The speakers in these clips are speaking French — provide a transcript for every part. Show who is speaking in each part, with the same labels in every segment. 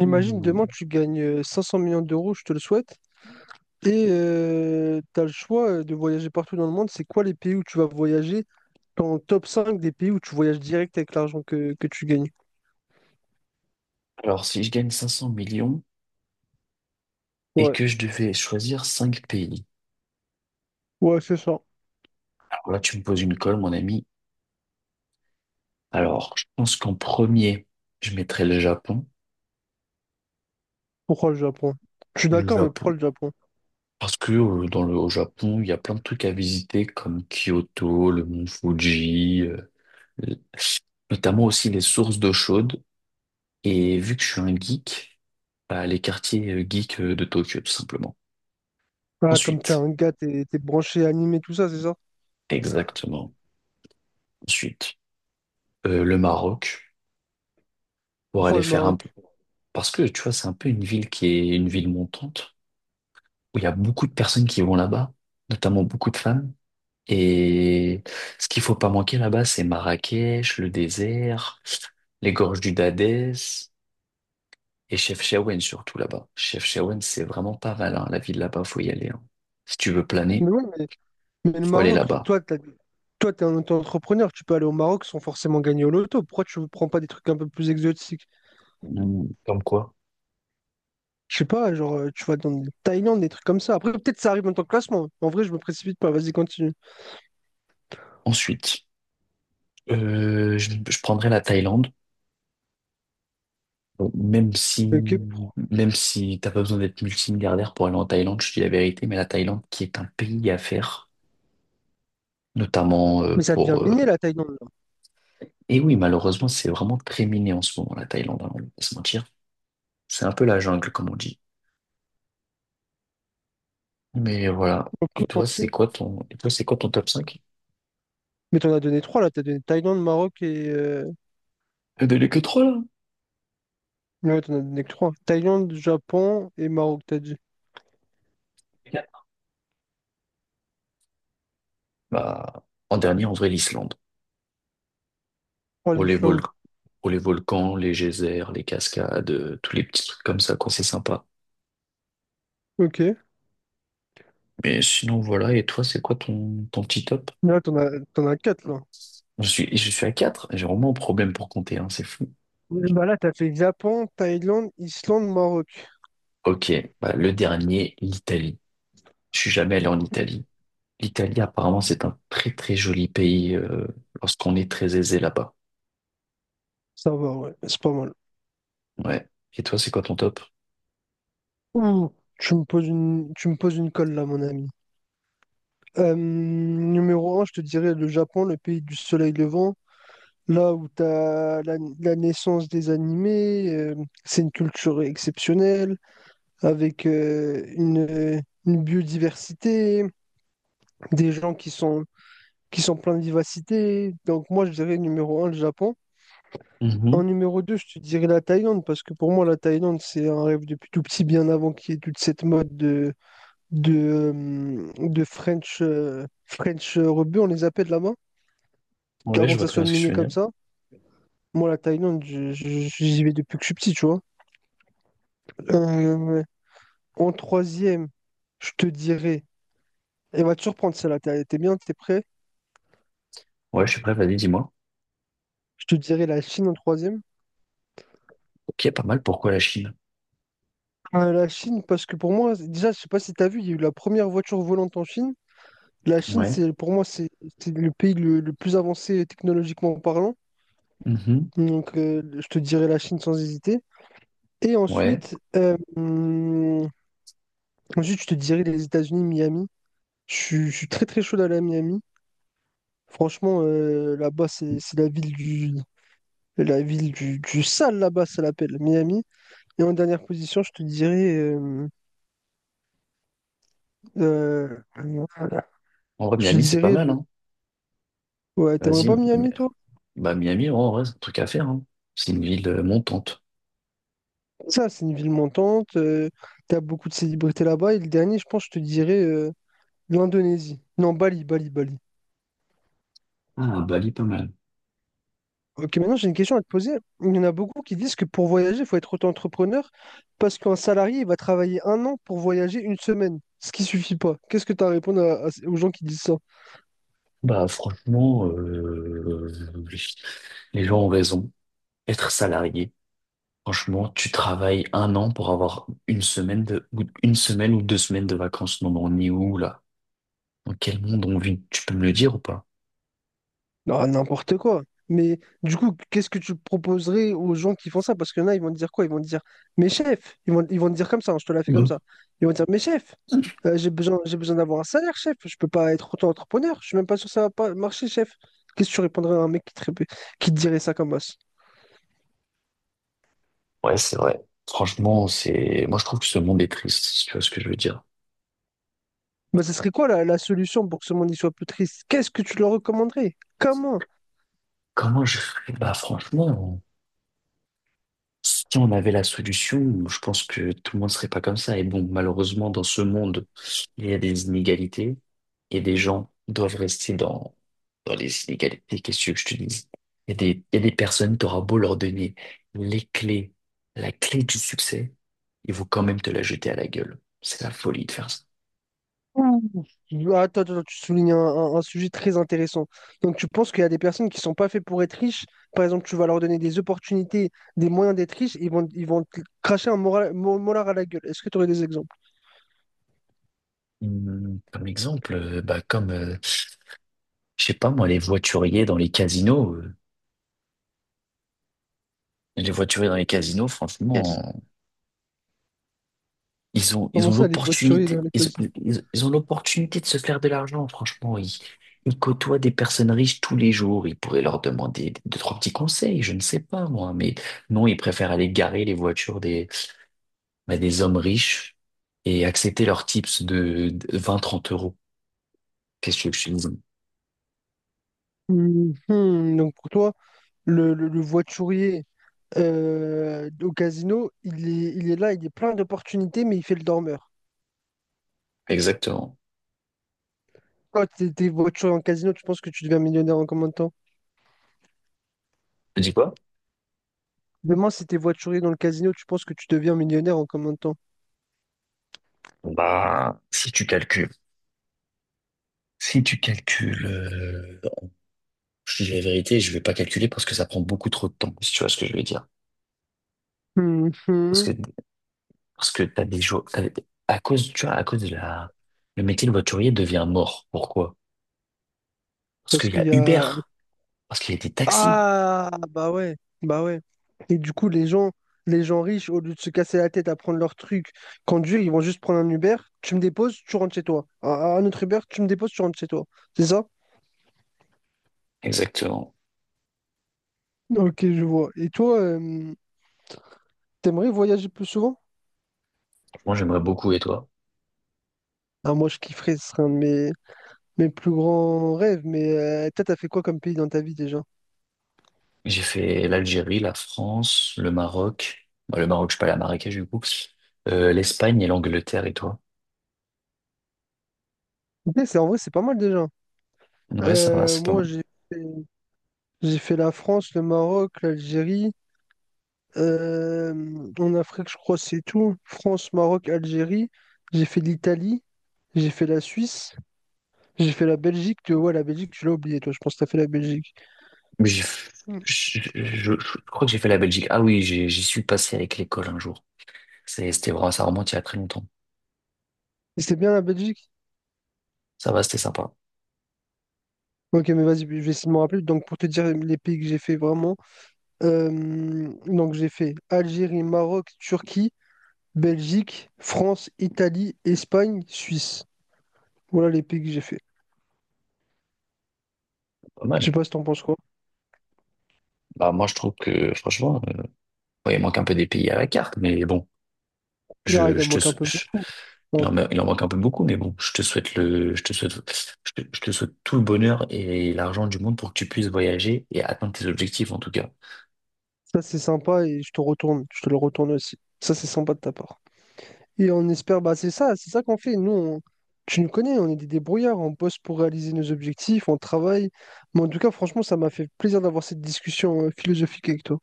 Speaker 1: Imagine demain
Speaker 2: Hmm.
Speaker 1: tu gagnes 500 millions d'euros, je te le souhaite, et tu as le choix de voyager partout dans le monde. C'est quoi les pays où tu vas voyager? Ton top 5 des pays où tu voyages direct avec l'argent que tu gagnes.
Speaker 2: Alors, si je gagne 500 millions et
Speaker 1: Ouais,
Speaker 2: que je devais choisir 5 pays,
Speaker 1: ouais, c'est ça.
Speaker 2: alors là, tu me poses une colle, mon ami. Alors, je pense qu'en premier, je mettrais le Japon.
Speaker 1: Pourquoi le Japon? Je suis
Speaker 2: Le
Speaker 1: d'accord, mais pourquoi
Speaker 2: Japon.
Speaker 1: le Japon?
Speaker 2: Parce que dans au Japon, il y a plein de trucs à visiter comme Kyoto, le mont Fuji, le- notamment aussi les sources d'eau chaude. Et vu que je suis un geek, bah, les quartiers geeks de Tokyo, tout simplement.
Speaker 1: Voilà, comme t'es
Speaker 2: Ensuite,
Speaker 1: un gars, t'es branché, animé, tout ça, c'est ça?
Speaker 2: exactement. Ensuite, le Maroc pour
Speaker 1: Pourquoi
Speaker 2: aller
Speaker 1: le
Speaker 2: faire un.
Speaker 1: Maroc?
Speaker 2: Parce que, tu vois, c'est un peu une ville qui est une ville montante, où il y a beaucoup de personnes qui vont là-bas, notamment beaucoup de femmes. Et ce qu'il faut pas manquer là-bas, c'est Marrakech, le désert, les gorges du Dadès et Chefchaouen surtout là-bas. Chefchaouen, c'est vraiment pas mal, hein. La ville là-bas, faut y aller, hein. Si tu veux planer,
Speaker 1: Mais ouais, mais le
Speaker 2: faut aller
Speaker 1: Maroc,
Speaker 2: là-bas.
Speaker 1: toi, toi, t'es un auto-entrepreneur, tu peux aller au Maroc sans forcément gagner au loto. Pourquoi tu ne prends pas des trucs un peu plus exotiques?
Speaker 2: Mm, comme quoi?
Speaker 1: Je sais pas, genre, tu vois, dans le Thaïlande, des trucs comme ça. Après, peut-être ça arrive en tant que classement. En vrai, je me précipite pas. Vas-y, continue.
Speaker 2: Ensuite, je prendrai la Thaïlande. Bon,
Speaker 1: Ok.
Speaker 2: même si t'as pas besoin d'être multimilliardaire pour aller en Thaïlande, je te dis la vérité, mais la Thaïlande qui est un pays à faire, notamment
Speaker 1: Mais ça devient
Speaker 2: pour.
Speaker 1: miné, la Thaïlande. Là.
Speaker 2: Et oui, malheureusement, c'est vraiment très miné en ce moment, la Thaïlande, hein, on va pas se mentir. C'est un peu la jungle, comme on dit. Mais voilà.
Speaker 1: Ok, on le fait.
Speaker 2: Et toi, c'est quoi ton top cinq.
Speaker 1: Mais t'en as donné trois, là. T'as donné Thaïlande, Maroc et...
Speaker 2: Il n'y en que trois
Speaker 1: Ouais, t'en as donné que trois. Thaïlande, Japon et Maroc, t'as dit.
Speaker 2: là. Bah, en dernier, en vrai, l'Islande.
Speaker 1: Oh,
Speaker 2: Pour les vol-
Speaker 1: l'Islande.
Speaker 2: pour les volcans, les geysers, les cascades, tous les petits trucs comme ça, quoi, c'est sympa.
Speaker 1: Ok.
Speaker 2: Mais sinon, voilà. Et toi, c'est quoi ton petit top?
Speaker 1: Mais là, t'en as quatre, là.
Speaker 2: Je suis à quatre, j'ai vraiment un problème pour compter, hein, c'est fou.
Speaker 1: Et bah là, t'as fait Japon, Thaïlande, Islande, Maroc.
Speaker 2: Ok, bah, le dernier, l'Italie. Je suis jamais allé en Italie. L'Italie, apparemment, c'est un très très joli pays lorsqu'on est très aisé là-bas.
Speaker 1: Ça va, ouais. C'est pas mal.
Speaker 2: Ouais. Et toi, c'est quoi ton top?
Speaker 1: Ouh, tu me poses une... tu me poses une colle, là, mon ami. Numéro un, je te dirais le Japon, le pays du soleil levant. Là où tu as la naissance des animés, c'est une culture exceptionnelle, avec une biodiversité, des gens qui sont pleins de vivacité. Donc moi, je dirais numéro un, le Japon. En
Speaker 2: Mhm.
Speaker 1: numéro 2 je te dirais la Thaïlande, parce que pour moi, la Thaïlande, c'est un rêve depuis tout petit, bien avant qu'il y ait toute cette mode de French, French rebut, on les appelle là-bas,
Speaker 2: Ouais,
Speaker 1: avant
Speaker 2: je
Speaker 1: que
Speaker 2: vois
Speaker 1: ça
Speaker 2: très
Speaker 1: soit
Speaker 2: bien ce que tu
Speaker 1: miné
Speaker 2: veux
Speaker 1: comme
Speaker 2: dire.
Speaker 1: ça. Moi, la Thaïlande, j'y vais depuis que je suis petit, tu vois. Euh, en troisième, je te dirais, elle va te surprendre celle-là, t'es bien, t'es prêt?
Speaker 2: Ouais, je suis prêt, vas-y, dis-moi.
Speaker 1: Je te dirais la Chine en troisième.
Speaker 2: Ok, pas mal, pourquoi la Chine?
Speaker 1: La Chine, parce que pour moi, déjà, je sais pas si t'as vu, il y a eu la première voiture volante en Chine. La Chine,
Speaker 2: Ouais.
Speaker 1: c'est le pays le plus avancé technologiquement parlant.
Speaker 2: Mhm.
Speaker 1: Donc, je te dirais la Chine sans hésiter. Et
Speaker 2: Ouais.
Speaker 1: ensuite, ensuite, je te dirais les États-Unis, Miami. Je suis très très chaud d'aller à Miami. Franchement, là-bas, c'est la ville du, la ville du sale là-bas, ça l'appelle Miami. Et en dernière position, je te dirais. Euh, voilà.
Speaker 2: En vrai,
Speaker 1: Je te
Speaker 2: Miami, c'est pas
Speaker 1: dirais.
Speaker 2: mal,
Speaker 1: Le...
Speaker 2: hein.
Speaker 1: Ouais, t'aimerais
Speaker 2: Vas-y,
Speaker 1: pas Miami,
Speaker 2: mais-
Speaker 1: toi?
Speaker 2: bah Miami, ouais, en vrai, c'est un truc à faire, hein. C'est une ville montante.
Speaker 1: Ça, c'est une ville montante. T'as beaucoup de célébrités là-bas. Et le dernier, je pense, je te dirais l'Indonésie. Non, Bali, Bali, Bali.
Speaker 2: Ah, Bali, pas mal.
Speaker 1: Ok, maintenant, j'ai une question à te poser. Il y en a beaucoup qui disent que pour voyager, il faut être auto-entrepreneur parce qu'un salarié, il va travailler un an pour voyager une semaine, ce qui suffit pas. Qu'est-ce que tu as à répondre aux gens qui disent ça?
Speaker 2: Bah franchement, les gens ont raison. Être salarié, franchement, tu travailles un an pour avoir ou une semaine ou deux semaines de vacances. Non, mais on est où là? Dans quel monde on vit? Tu peux me le dire ou pas?
Speaker 1: Ah, n'importe quoi. Mais du coup, qu'est-ce que tu proposerais aux gens qui font ça? Parce qu'il y en a, ils vont te dire quoi? Ils vont te dire, mes chefs, ils vont te dire comme ça, hein, je te la fais comme
Speaker 2: Mhm.
Speaker 1: ça. Ils vont te dire, mes chefs, j'ai besoin d'avoir un salaire, chef. Je peux pas être auto-entrepreneur. Je suis même pas sûr que ça va pas marcher, chef. Qu'est-ce que tu répondrais à un mec qui te dirait ça comme os?
Speaker 2: Ouais, c'est vrai. Franchement, moi je trouve que ce monde est triste, si tu vois ce que je veux dire.
Speaker 1: Bah, ce serait quoi la solution pour que ce monde y soit plus triste? Qu'est-ce que tu leur recommanderais? Comment?
Speaker 2: Comment je ferais? Bah franchement. Si on avait la solution, je pense que tout le monde serait pas comme ça. Et bon, malheureusement, dans ce monde, il y a des inégalités et des gens doivent rester dans les inégalités. Qu'est-ce que je te dis? Il y a des personnes, t'auras beau leur donner les clés, la clé du succès, ils vont quand même te la jeter à la gueule. C'est la folie de faire ça.
Speaker 1: Attends, attends, tu soulignes un sujet très intéressant. Donc, tu penses qu'il y a des personnes qui sont pas faites pour être riches. Par exemple, tu vas leur donner des opportunités, des moyens d'être riches, ils vont te cracher un molar à la gueule. Est-ce que tu aurais des exemples?
Speaker 2: Comme exemple, je sais pas moi, les voituriers dans les casinos. Les voituriers dans les casinos, franchement. Ils
Speaker 1: Comment
Speaker 2: ont
Speaker 1: ça, les voituriers
Speaker 2: l'opportunité,
Speaker 1: dans les causes?
Speaker 2: ils ont l'opportunité de se faire de l'argent, franchement. Ils côtoient des personnes riches tous les jours. Ils pourraient leur demander deux, trois petits conseils, je ne sais pas, moi. Mais non, ils préfèrent aller garer les voitures bah, des hommes riches et accepter leurs tips de 20, 30 euros. Qu'est-ce que tu veux que je te dise?
Speaker 1: Donc, pour toi, le voiturier au casino, il est là, il est plein d'opportunités, mais il fait le dormeur.
Speaker 2: Exactement.
Speaker 1: Quand tu étais voiturier en casino, tu penses que tu deviens millionnaire en combien de temps?
Speaker 2: Tu dis quoi?
Speaker 1: Demain, si t'es voiturier dans le casino, tu penses que tu deviens millionnaire en combien de temps?
Speaker 2: Bah, si tu calcules, si tu calcules, non, je te dis la vérité, je vais pas calculer parce que ça prend beaucoup trop de temps, si tu vois ce que je veux dire.
Speaker 1: Hum,
Speaker 2: Parce
Speaker 1: hum.
Speaker 2: que Parce que t'as des jours, t'as- à cause, à cause de le métier de voiturier devient mort. Pourquoi? Parce
Speaker 1: Parce
Speaker 2: qu'il y
Speaker 1: qu'il
Speaker 2: a
Speaker 1: y
Speaker 2: Uber,
Speaker 1: a...
Speaker 2: parce qu'il y a des taxis.
Speaker 1: Ah, bah ouais, bah ouais. Et du coup, les gens riches, au lieu de se casser la tête à prendre leur truc, conduire, ils vont juste prendre un Uber, tu me déposes, tu rentres chez toi. Un autre Uber, tu me déposes, tu rentres chez toi. C'est ça?
Speaker 2: Exactement.
Speaker 1: Ok, je vois. Et toi, t'aimerais voyager plus souvent?
Speaker 2: Moi, j'aimerais beaucoup, et toi?
Speaker 1: Ah, moi, je kifferais, ce serait un de mes... Mes plus grands rêves, mais toi, t'as fait quoi comme pays dans ta vie déjà?
Speaker 2: J'ai fait l'Algérie, la France, le Maroc. Bah, le Maroc, je suis pas allé à Marrakech, du coup. l'Espagne et l'Angleterre, et toi?
Speaker 1: Ok, c'est en vrai, c'est pas mal déjà.
Speaker 2: Ouais, ça va, c'est pas
Speaker 1: Moi,
Speaker 2: mal.
Speaker 1: fait, j'ai fait la France, le Maroc, l'Algérie. euh, En Afrique, je crois, c'est tout. France, Maroc, Algérie. J'ai fait l'Italie. J'ai fait la Suisse. J'ai fait la Belgique. Tu vois, la Belgique, tu l'as oublié, toi. Je pense que t'as fait la Belgique.
Speaker 2: Mais j'ai,
Speaker 1: Mm.
Speaker 2: je, je crois que j'ai fait la Belgique. Ah oui, j'y suis passé avec l'école un jour. C'était vraiment, ça remonte il y a très longtemps.
Speaker 1: Et c'est bien la Belgique?
Speaker 2: Ça va, c'était sympa.
Speaker 1: Ok, mais vas-y, je vais essayer de me rappeler. Donc, pour te dire les pays que j'ai fait vraiment, donc j'ai fait Algérie, Maroc, Turquie. Belgique, France, Italie, Espagne, Suisse. Voilà les pays que j'ai fait.
Speaker 2: Pas
Speaker 1: Je
Speaker 2: mal.
Speaker 1: sais pas si t'en penses quoi.
Speaker 2: Bah, moi, je trouve que, franchement, ouais, il manque un peu des pays à la carte, mais bon,
Speaker 1: Là, il en
Speaker 2: je te,
Speaker 1: manque un
Speaker 2: sou-
Speaker 1: peu
Speaker 2: je-
Speaker 1: beaucoup.
Speaker 2: il
Speaker 1: Bon,
Speaker 2: en, ma- il en manque un peu beaucoup, mais bon, je te souhaite le, je te souhaite tout le bonheur et l'argent du monde pour que tu puisses voyager et atteindre tes objectifs, en tout cas.
Speaker 1: ça, c'est sympa et je te retourne. Je te le retourne aussi. Ça, c'est sympa de ta part. Et on espère, bah, c'est ça qu'on fait. Nous, tu nous connais, on est des débrouillards. On bosse pour réaliser nos objectifs, on travaille. Mais en tout cas, franchement, ça m'a fait plaisir d'avoir cette discussion philosophique avec toi.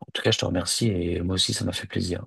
Speaker 2: En tout cas, je te remercie et moi aussi, ça m'a fait plaisir.